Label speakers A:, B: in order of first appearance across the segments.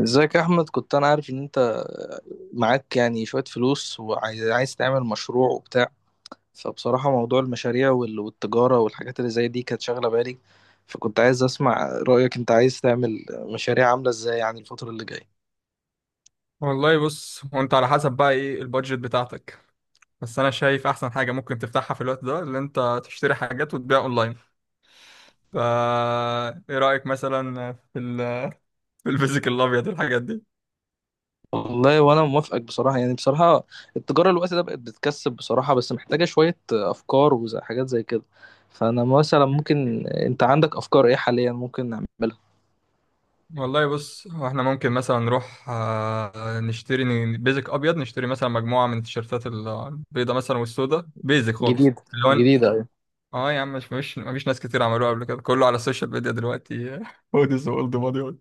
A: ازيك يا احمد؟ كنت انا عارف ان انت معاك يعني شوية فلوس وعايز عايز تعمل مشروع وبتاع. فبصراحة موضوع المشاريع والتجارة والحاجات اللي زي دي كانت شاغلة بالي. فكنت عايز اسمع رأيك، انت عايز تعمل مشاريع عاملة ازاي يعني الفترة اللي جاية؟
B: والله بص هو انت على حسب بقى ايه البادجت بتاعتك. بس انا شايف احسن حاجه ممكن تفتحها في الوقت ده، اللي انت تشتري حاجات وتبيع اونلاين. فا ايه رايك مثلا في ال في الفيزيكال الابيض الحاجات دي؟
A: والله وانا موافقك، بصراحة يعني بصراحة التجارة الوقت ده بقت بتكسب بصراحة، بس محتاجة شوية افكار وحاجات زي كده. فانا مثلا ممكن، انت عندك افكار ايه حاليا ممكن نعملها؟
B: والله بص، هو احنا ممكن مثلا نروح نشتري بيزك ابيض، نشتري مثلا مجموعه من التيشيرتات البيضه مثلا والسوداء، بيزك خالص
A: جديدة.
B: اللون.
A: جديدة ايوه.
B: اه يا عم، مش مفيش ناس كتير عملوها قبل كده، كله على السوشيال ميديا دلوقتي هوديز واولد ماني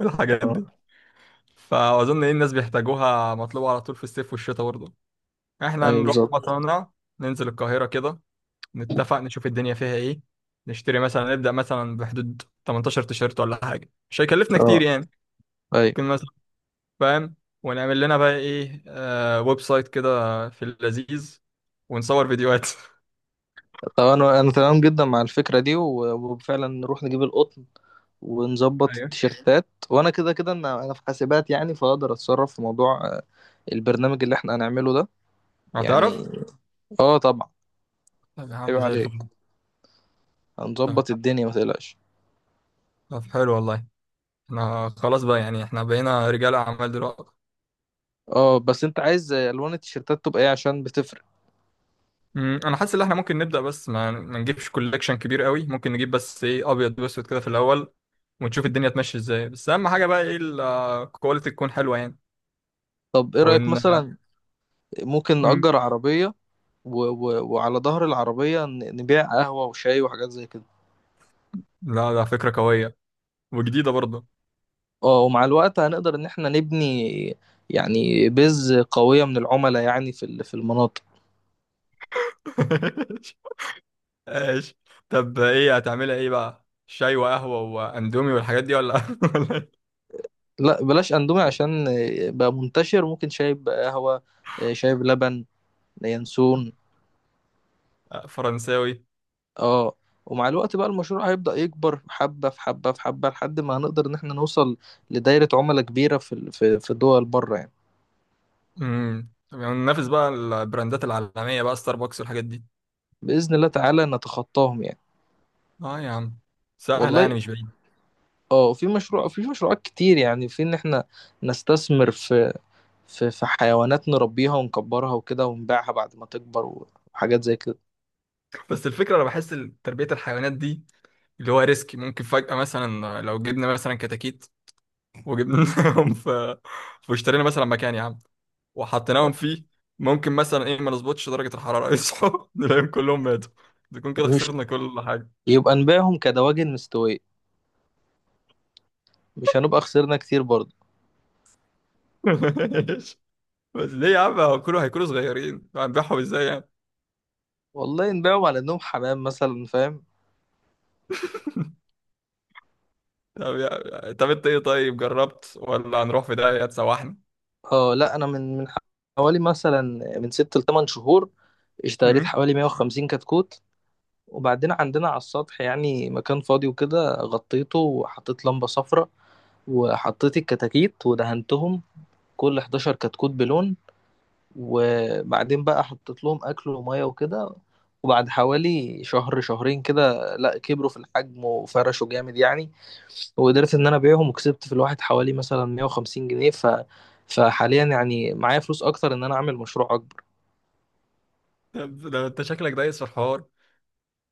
B: والحاجات
A: اه
B: دي. فاظن ايه الناس بيحتاجوها، مطلوبه على طول في الصيف والشتاء برضه. احنا
A: ايوه
B: نروح
A: بالظبط.
B: مطارنا، ننزل القاهره كده، نتفق نشوف الدنيا فيها ايه. نشتري مثلا، نبدا مثلا بحدود 18 تيشيرت ولا حاجه، مش هيكلفنا كتير
A: اه
B: يعني.
A: ايوه
B: ممكن مثلا، فاهم؟ ونعمل لنا بقى ايه ويب سايت كده في اللذيذ، ونصور فيديوهات
A: طبعا. انا تمام جدا مع الفكره دي وفعلا نروح نجيب القطن ونظبط
B: ايوه،
A: التيشيرتات، وانا كده كده انا في حاسبات يعني، فاقدر اتصرف في موضوع البرنامج اللي احنا هنعمله ده يعني.
B: هتعرف.
A: اه طبعا.
B: طب يا
A: عيب
B: عم زي
A: عليك،
B: الفل. طب،
A: هنظبط الدنيا ما تقلقش.
B: حلو والله. احنا خلاص بقى، يعني احنا بقينا رجال اعمال دلوقتي.
A: اه بس انت عايز الوان التيشيرتات تبقى ايه عشان بتفرق.
B: انا حاسس ان احنا ممكن نبدا، بس ما نجيبش كولكشن كبير قوي. ممكن نجيب بس ايه ابيض واسود كده في الاول، ونشوف الدنيا تمشي ازاي. بس اهم حاجه بقى ايه، الكواليتي تكون حلوه يعني.
A: طب ايه رايك
B: وان
A: مثلا ممكن
B: مم،
A: نأجر عربيه و... و... وعلى ظهر العربيه نبيع قهوه وشاي وحاجات زي كده.
B: لا ده فكره قويه وجديده برضه.
A: اه ومع الوقت هنقدر ان احنا نبني يعني بيز قوية من العملاء يعني في المناطق.
B: ايش. طب ايه هتعملها ايه بقى، شاي وقهوه واندومي والحاجات دي، ولا ولا إيه؟
A: لا بلاش اندومي عشان بقى منتشر، ممكن شايب بقى قهوة، شايب لبن، ينسون.
B: آه، فرنساوي.
A: اه ومع الوقت بقى المشروع هيبدأ يكبر حبة في حبة في حبة لحد ما هنقدر ان احنا نوصل لدايرة عملاء كبيرة في دول بره يعني.
B: طب يعني ننافس بقى البراندات العالميه بقى، ستاربكس والحاجات دي.
A: بإذن الله تعالى نتخطاهم يعني.
B: اه يا عم، سهله
A: والله،
B: يعني مش بعيد.
A: اه في مشروعات كتير يعني، في ان احنا نستثمر في حيوانات نربيها ونكبرها وكده ونبيعها بعد ما تكبر وحاجات زي كده.
B: بس الفكرة أنا بحس تربية الحيوانات دي اللي هو ريسك. ممكن فجأة مثلا لو جبنا مثلا كتاكيت وجبناهم واشترينا مثلا مكان يا عم وحطيناهم فيه، ممكن مثلا إيه ما نظبطش درجة الحرارة يصحوا نلاقيهم كلهم ماتوا، نكون كده
A: مش
B: خسرنا كل حاجة.
A: يبقى نبيعهم كدواجن مستوية، مش هنبقى خسرنا كتير برضه.
B: بس ليه يا عم، هو كله هيكونوا صغيرين، هنبيعهم إزاي يعني؟
A: والله نبيعهم على انهم حمام مثلا، فاهم؟
B: طب أنت إيه طيب، جربت ولا هنروح في داهية تسوحنا؟
A: اه لا انا من حوالي مثلا من 6 ل 8 شهور اشتريت
B: مم؟
A: حوالي 150 كتكوت، وبعدين عندنا على السطح يعني مكان فاضي وكده غطيته وحطيت لمبة صفراء وحطيت الكتاكيت ودهنتهم كل 11 كتكوت بلون. وبعدين بقى حطيت لهم اكل وميه وكده، وبعد حوالي شهر شهرين كده لا كبروا في الحجم وفرشوا جامد يعني، وقدرت ان انا ابيعهم وكسبت في الواحد حوالي مثلا 150 جنيه. فحاليا يعني معايا فلوس اكتر ان انا اعمل مشروع اكبر.
B: طب ده أنت شكلك دايس في الحوار.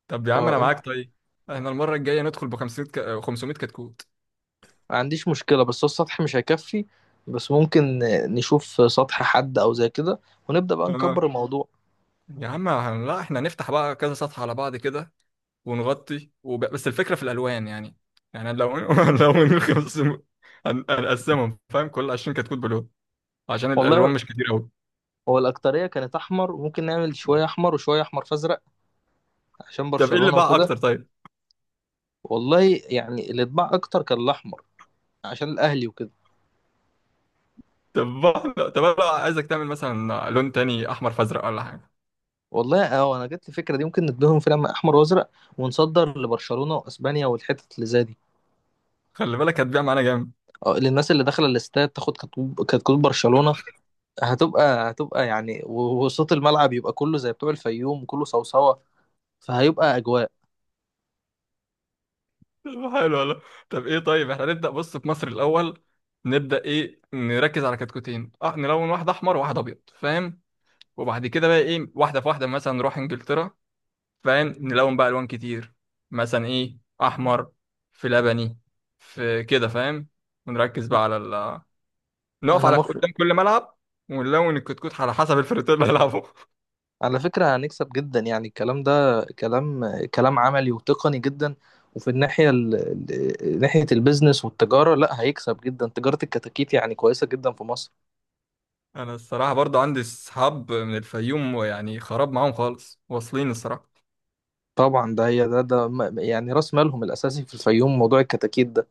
B: طب يا عم
A: اه
B: انا معاك طيب. احنا المره الجايه ندخل ب 500 ك... آه، 500 كتكوت.
A: ما عنديش مشكلة بس هو السطح مش هيكفي، بس ممكن نشوف سطح حد او زي كده ونبدأ بقى
B: اه
A: نكبر الموضوع.
B: يا عم لا، احنا هنفتح بقى كذا صفحه على بعض كده، ونغطي بس الفكره في الالوان يعني. يعني لو لو من 500 هنقسمهم، فاهم، كل 20 كتكوت بلون عشان الالوان
A: والله
B: مش كتير قوي.
A: هو الأكترية كانت أحمر، ممكن نعمل شوية أحمر وشوية أحمر فأزرق عشان
B: طب ايه اللي
A: برشلونة
B: باع اكتر
A: وكده.
B: طيب؟
A: والله يعني اللي اتباع اكتر كان الاحمر عشان الاهلي وكده.
B: طب انا بقى عايزك تعمل مثلا لون تاني، احمر فازرق ولا حاجه.
A: والله اه انا جت لي فكره دي، ممكن نديهم فيلم احمر وازرق ونصدر لبرشلونه واسبانيا والحتت اللي زي دي.
B: خلي بالك هتبيع معانا جامد.
A: اه للناس اللي داخله الاستاد تاخد كتكوت، كتكوت برشلونه. هتبقى يعني وصوت الملعب يبقى كله زي بتوع الفيوم وكله صوصوه، فهيبقى اجواء.
B: طب حلو والله. طب ايه طيب، احنا نبدأ بص في مصر الأول. نبدأ ايه، نركز على كتكوتين. اه نلون واحد أحمر وواحد أبيض، فاهم؟ وبعد كده بقى ايه، واحدة في واحدة، مثلا نروح إنجلترا فاهم، نلون بقى ألوان كتير. مثلا ايه أحمر، في لبني، في كده فاهم. ونركز بقى على ال نقف
A: انا
B: على
A: مخ.
B: قدام كل ملعب، ونلون الكتكوت على حسب الفريق اللي هيلعبه.
A: على فكرة هنكسب جدا يعني، الكلام ده كلام، كلام عملي وتقني جدا. وفي الناحية ناحية البيزنس والتجارة لا هيكسب جدا، تجارة الكتاكيت يعني كويسة جدا في مصر.
B: أنا الصراحة برضو عندي صحاب من الفيوم، ويعني خراب معاهم خالص، واصلين الصراحة.
A: طبعا ده هي يعني راس مالهم الأساسي في الفيوم موضوع الكتاكيت ده.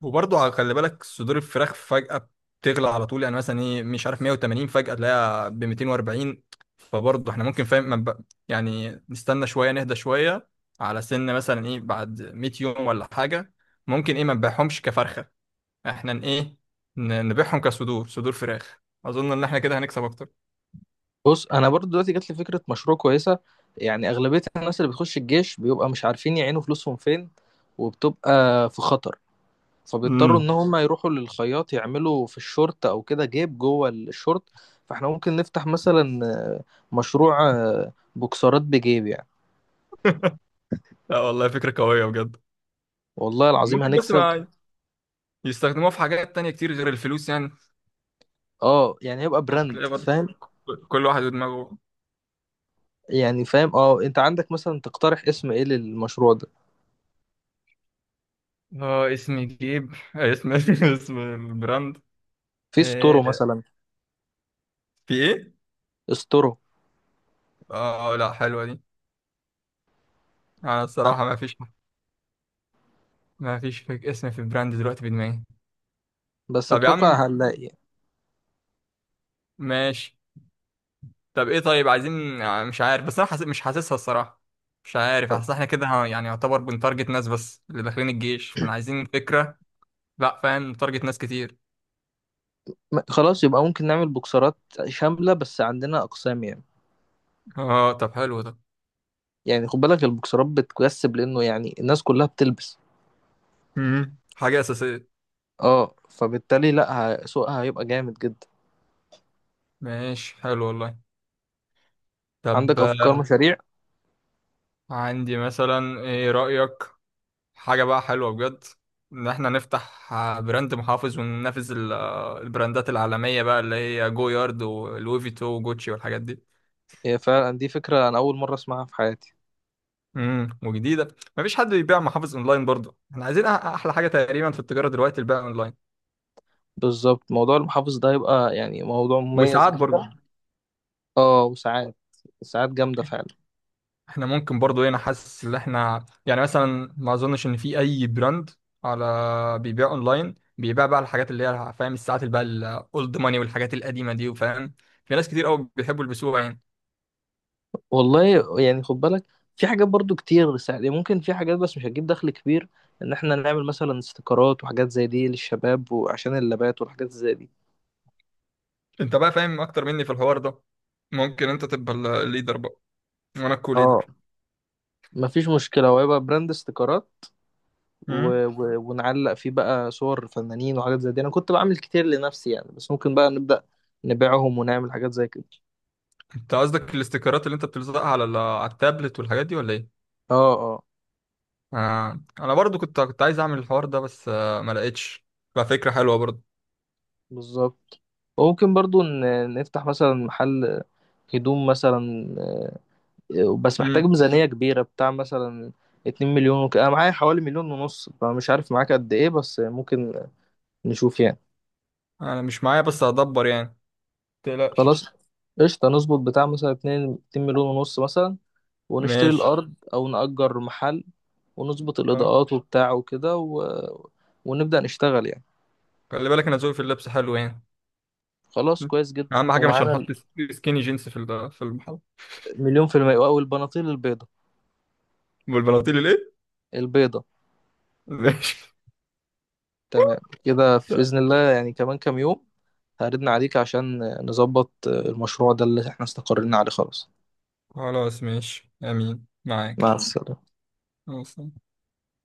B: وبرضه خلي بالك صدور الفراخ فجأة بتغلى على طول يعني، مثلا ايه مش عارف 180 فجأة تلاقيها ب 240. فبرضه احنا ممكن، فاهم، ما نب- يعني نستنى شوية، نهدى شوية على سن مثلا ايه بعد 100 يوم ولا حاجة. ممكن ايه ما نبيعهمش كفرخة، احنا نبيعهم كصدور فراخ. اظن ان احنا كده هنكسب اكتر.
A: بص أنا برضو دلوقتي جات لي فكرة مشروع كويسة. يعني أغلبية الناس اللي بتخش الجيش بيبقى مش عارفين يعينوا فلوسهم فين وبتبقى في خطر، فبيضطروا
B: امم،
A: ان هم يروحوا للخياط يعملوا في الشورت او كده جيب جوه الشورت. فاحنا ممكن نفتح مثلا مشروع بوكسرات بجيب يعني.
B: لا والله فكرة قوية بجد.
A: والله العظيم
B: ممكن بس
A: هنكسب.
B: ما يستخدموها في حاجات تانية كتير غير الفلوس يعني.
A: اه يعني هيبقى براند،
B: هتلاقي برضه
A: فاهم؟
B: كل واحد ودماغه.
A: يعني فاهم، اه انت عندك مثلا تقترح اسم ايه للمشروع ده؟
B: اه، اسم جيب اسم اسم البراند.
A: في ستورو
B: آه،
A: مثلا.
B: في ايه؟
A: ستورو.
B: اه لا حلوة دي. انا
A: عن-
B: الصراحة ما فيش اسم في براند دلوقتي في دماغي.
A: بس
B: طب يا
A: اتوقع
B: عم،
A: هنلاقي.
B: ماشي. طب ايه طيب عايزين مش عارف، بس انا حاسس مش حاسسها الصراحة. مش عارف،
A: طب،
B: حاسس احنا كده يعني يعتبر بنتارجت ناس بس اللي داخلين الجيش، احنا عايزين فكرة. لا فاهم، نتارجت ناس كتير.
A: خلاص يبقى ممكن نعمل بوكسرات شاملة بس عندنا اقسام يعني.
B: اه طب حلو ده.
A: يعني خد بالك البوكسرات بتكسب لانه يعني الناس كلها بتلبس.
B: مم. حاجة أساسية.
A: اه فبالتالي لا، سوقها هيبقى جامد جدا.
B: ماشي، حلو والله. طب
A: عندك افكار مشاريع؟
B: عندي مثلا، ايه رأيك، حاجة بقى حلوة بجد، إن إحنا نفتح براند محافظ وننافس البراندات العالمية بقى اللي هي جو يارد ولوي فيتو وجوتشي والحاجات دي.
A: هي فعلا دي فكره انا اول مره اسمعها في حياتي.
B: وجديدة. مفيش حد بيبيع محافظ أونلاين برضه. إحنا عايزين أحلى حاجة تقريبا في التجارة دلوقتي، البيع أونلاين.
A: بالظبط موضوع المحافظ ده هيبقى يعني موضوع مميز
B: وساعات برضه.
A: جدا. اه وساعات، ساعات جامده فعلا.
B: إحنا ممكن برضه هنا، حاسس إن إحنا يعني مثلا ما أظنش إن في أي براند على بيبيع أونلاين، بيبيع بقى الحاجات اللي هي فاهم، الساعات اللي بقى الأولد ماني والحاجات القديمة دي، وفاهم في ناس كتير قوي بيحبوا يلبسوها يعني.
A: والله يعني خد بالك، في حاجات برضو كتير ساعات يعني، ممكن في حاجات بس مش هتجيب دخل كبير، ان احنا نعمل مثلا استيكرات وحاجات زي دي للشباب وعشان اللابات والحاجات زي دي.
B: انت بقى فاهم اكتر مني في الحوار ده. ممكن انت تبقى الليدر بقى، وانا الكو
A: اه
B: ليدر.
A: مفيش مشكله، وهيبقى براند استيكرات
B: امم
A: و... و... ونعلق فيه بقى صور فنانين وحاجات زي دي، انا كنت بعمل كتير لنفسي يعني بس ممكن بقى نبدأ نبيعهم ونعمل حاجات زي كده.
B: انت قصدك الاستيكرات اللي انت بتلزقها على التابلت والحاجات دي ولا ايه؟
A: اه اه.
B: آه. انا برضو كنت عايز اعمل الحوار ده، بس ما لقيتش. ففكرة حلوة برضو.
A: بالظبط، وممكن برضو نفتح مثلا محل هدوم مثلا، بس محتاج
B: امم
A: ميزانية كبيرة بتاع مثلا 2 مليون انا معايا حوالي 1.5 مليون فمش عارف معاك قد ايه، بس ممكن نشوف يعني.
B: انا مش معايا بس هدبر يعني، متقلقش.
A: خلاص، قشطة نظبط بتاع مثلا اتنين مليون ونص مثلا، ونشتري
B: ماشي.
A: الأرض أو نأجر محل ونظبط
B: اه
A: الإضاءات وبتاع وكده ونبدأ نشتغل يعني.
B: خلي بالك انا ذوقي في اللبس حلو يعني.
A: خلاص
B: مم.
A: كويس جدا
B: اهم حاجة مش
A: ومعانا
B: هنحط سكيني جينز في المحل.
A: مليون في المية أو البناطيل البيضة.
B: والبناطيل الايه؟
A: البيضة.
B: ماشي.
A: تمام. كده في بإذن الله يعني كمان كام يوم هردنا عليك عشان نظبط المشروع ده اللي احنا استقرينا عليه خلاص.
B: خلاص ماشي، امين
A: مع
B: معاك.
A: السلامة.
B: خلاص.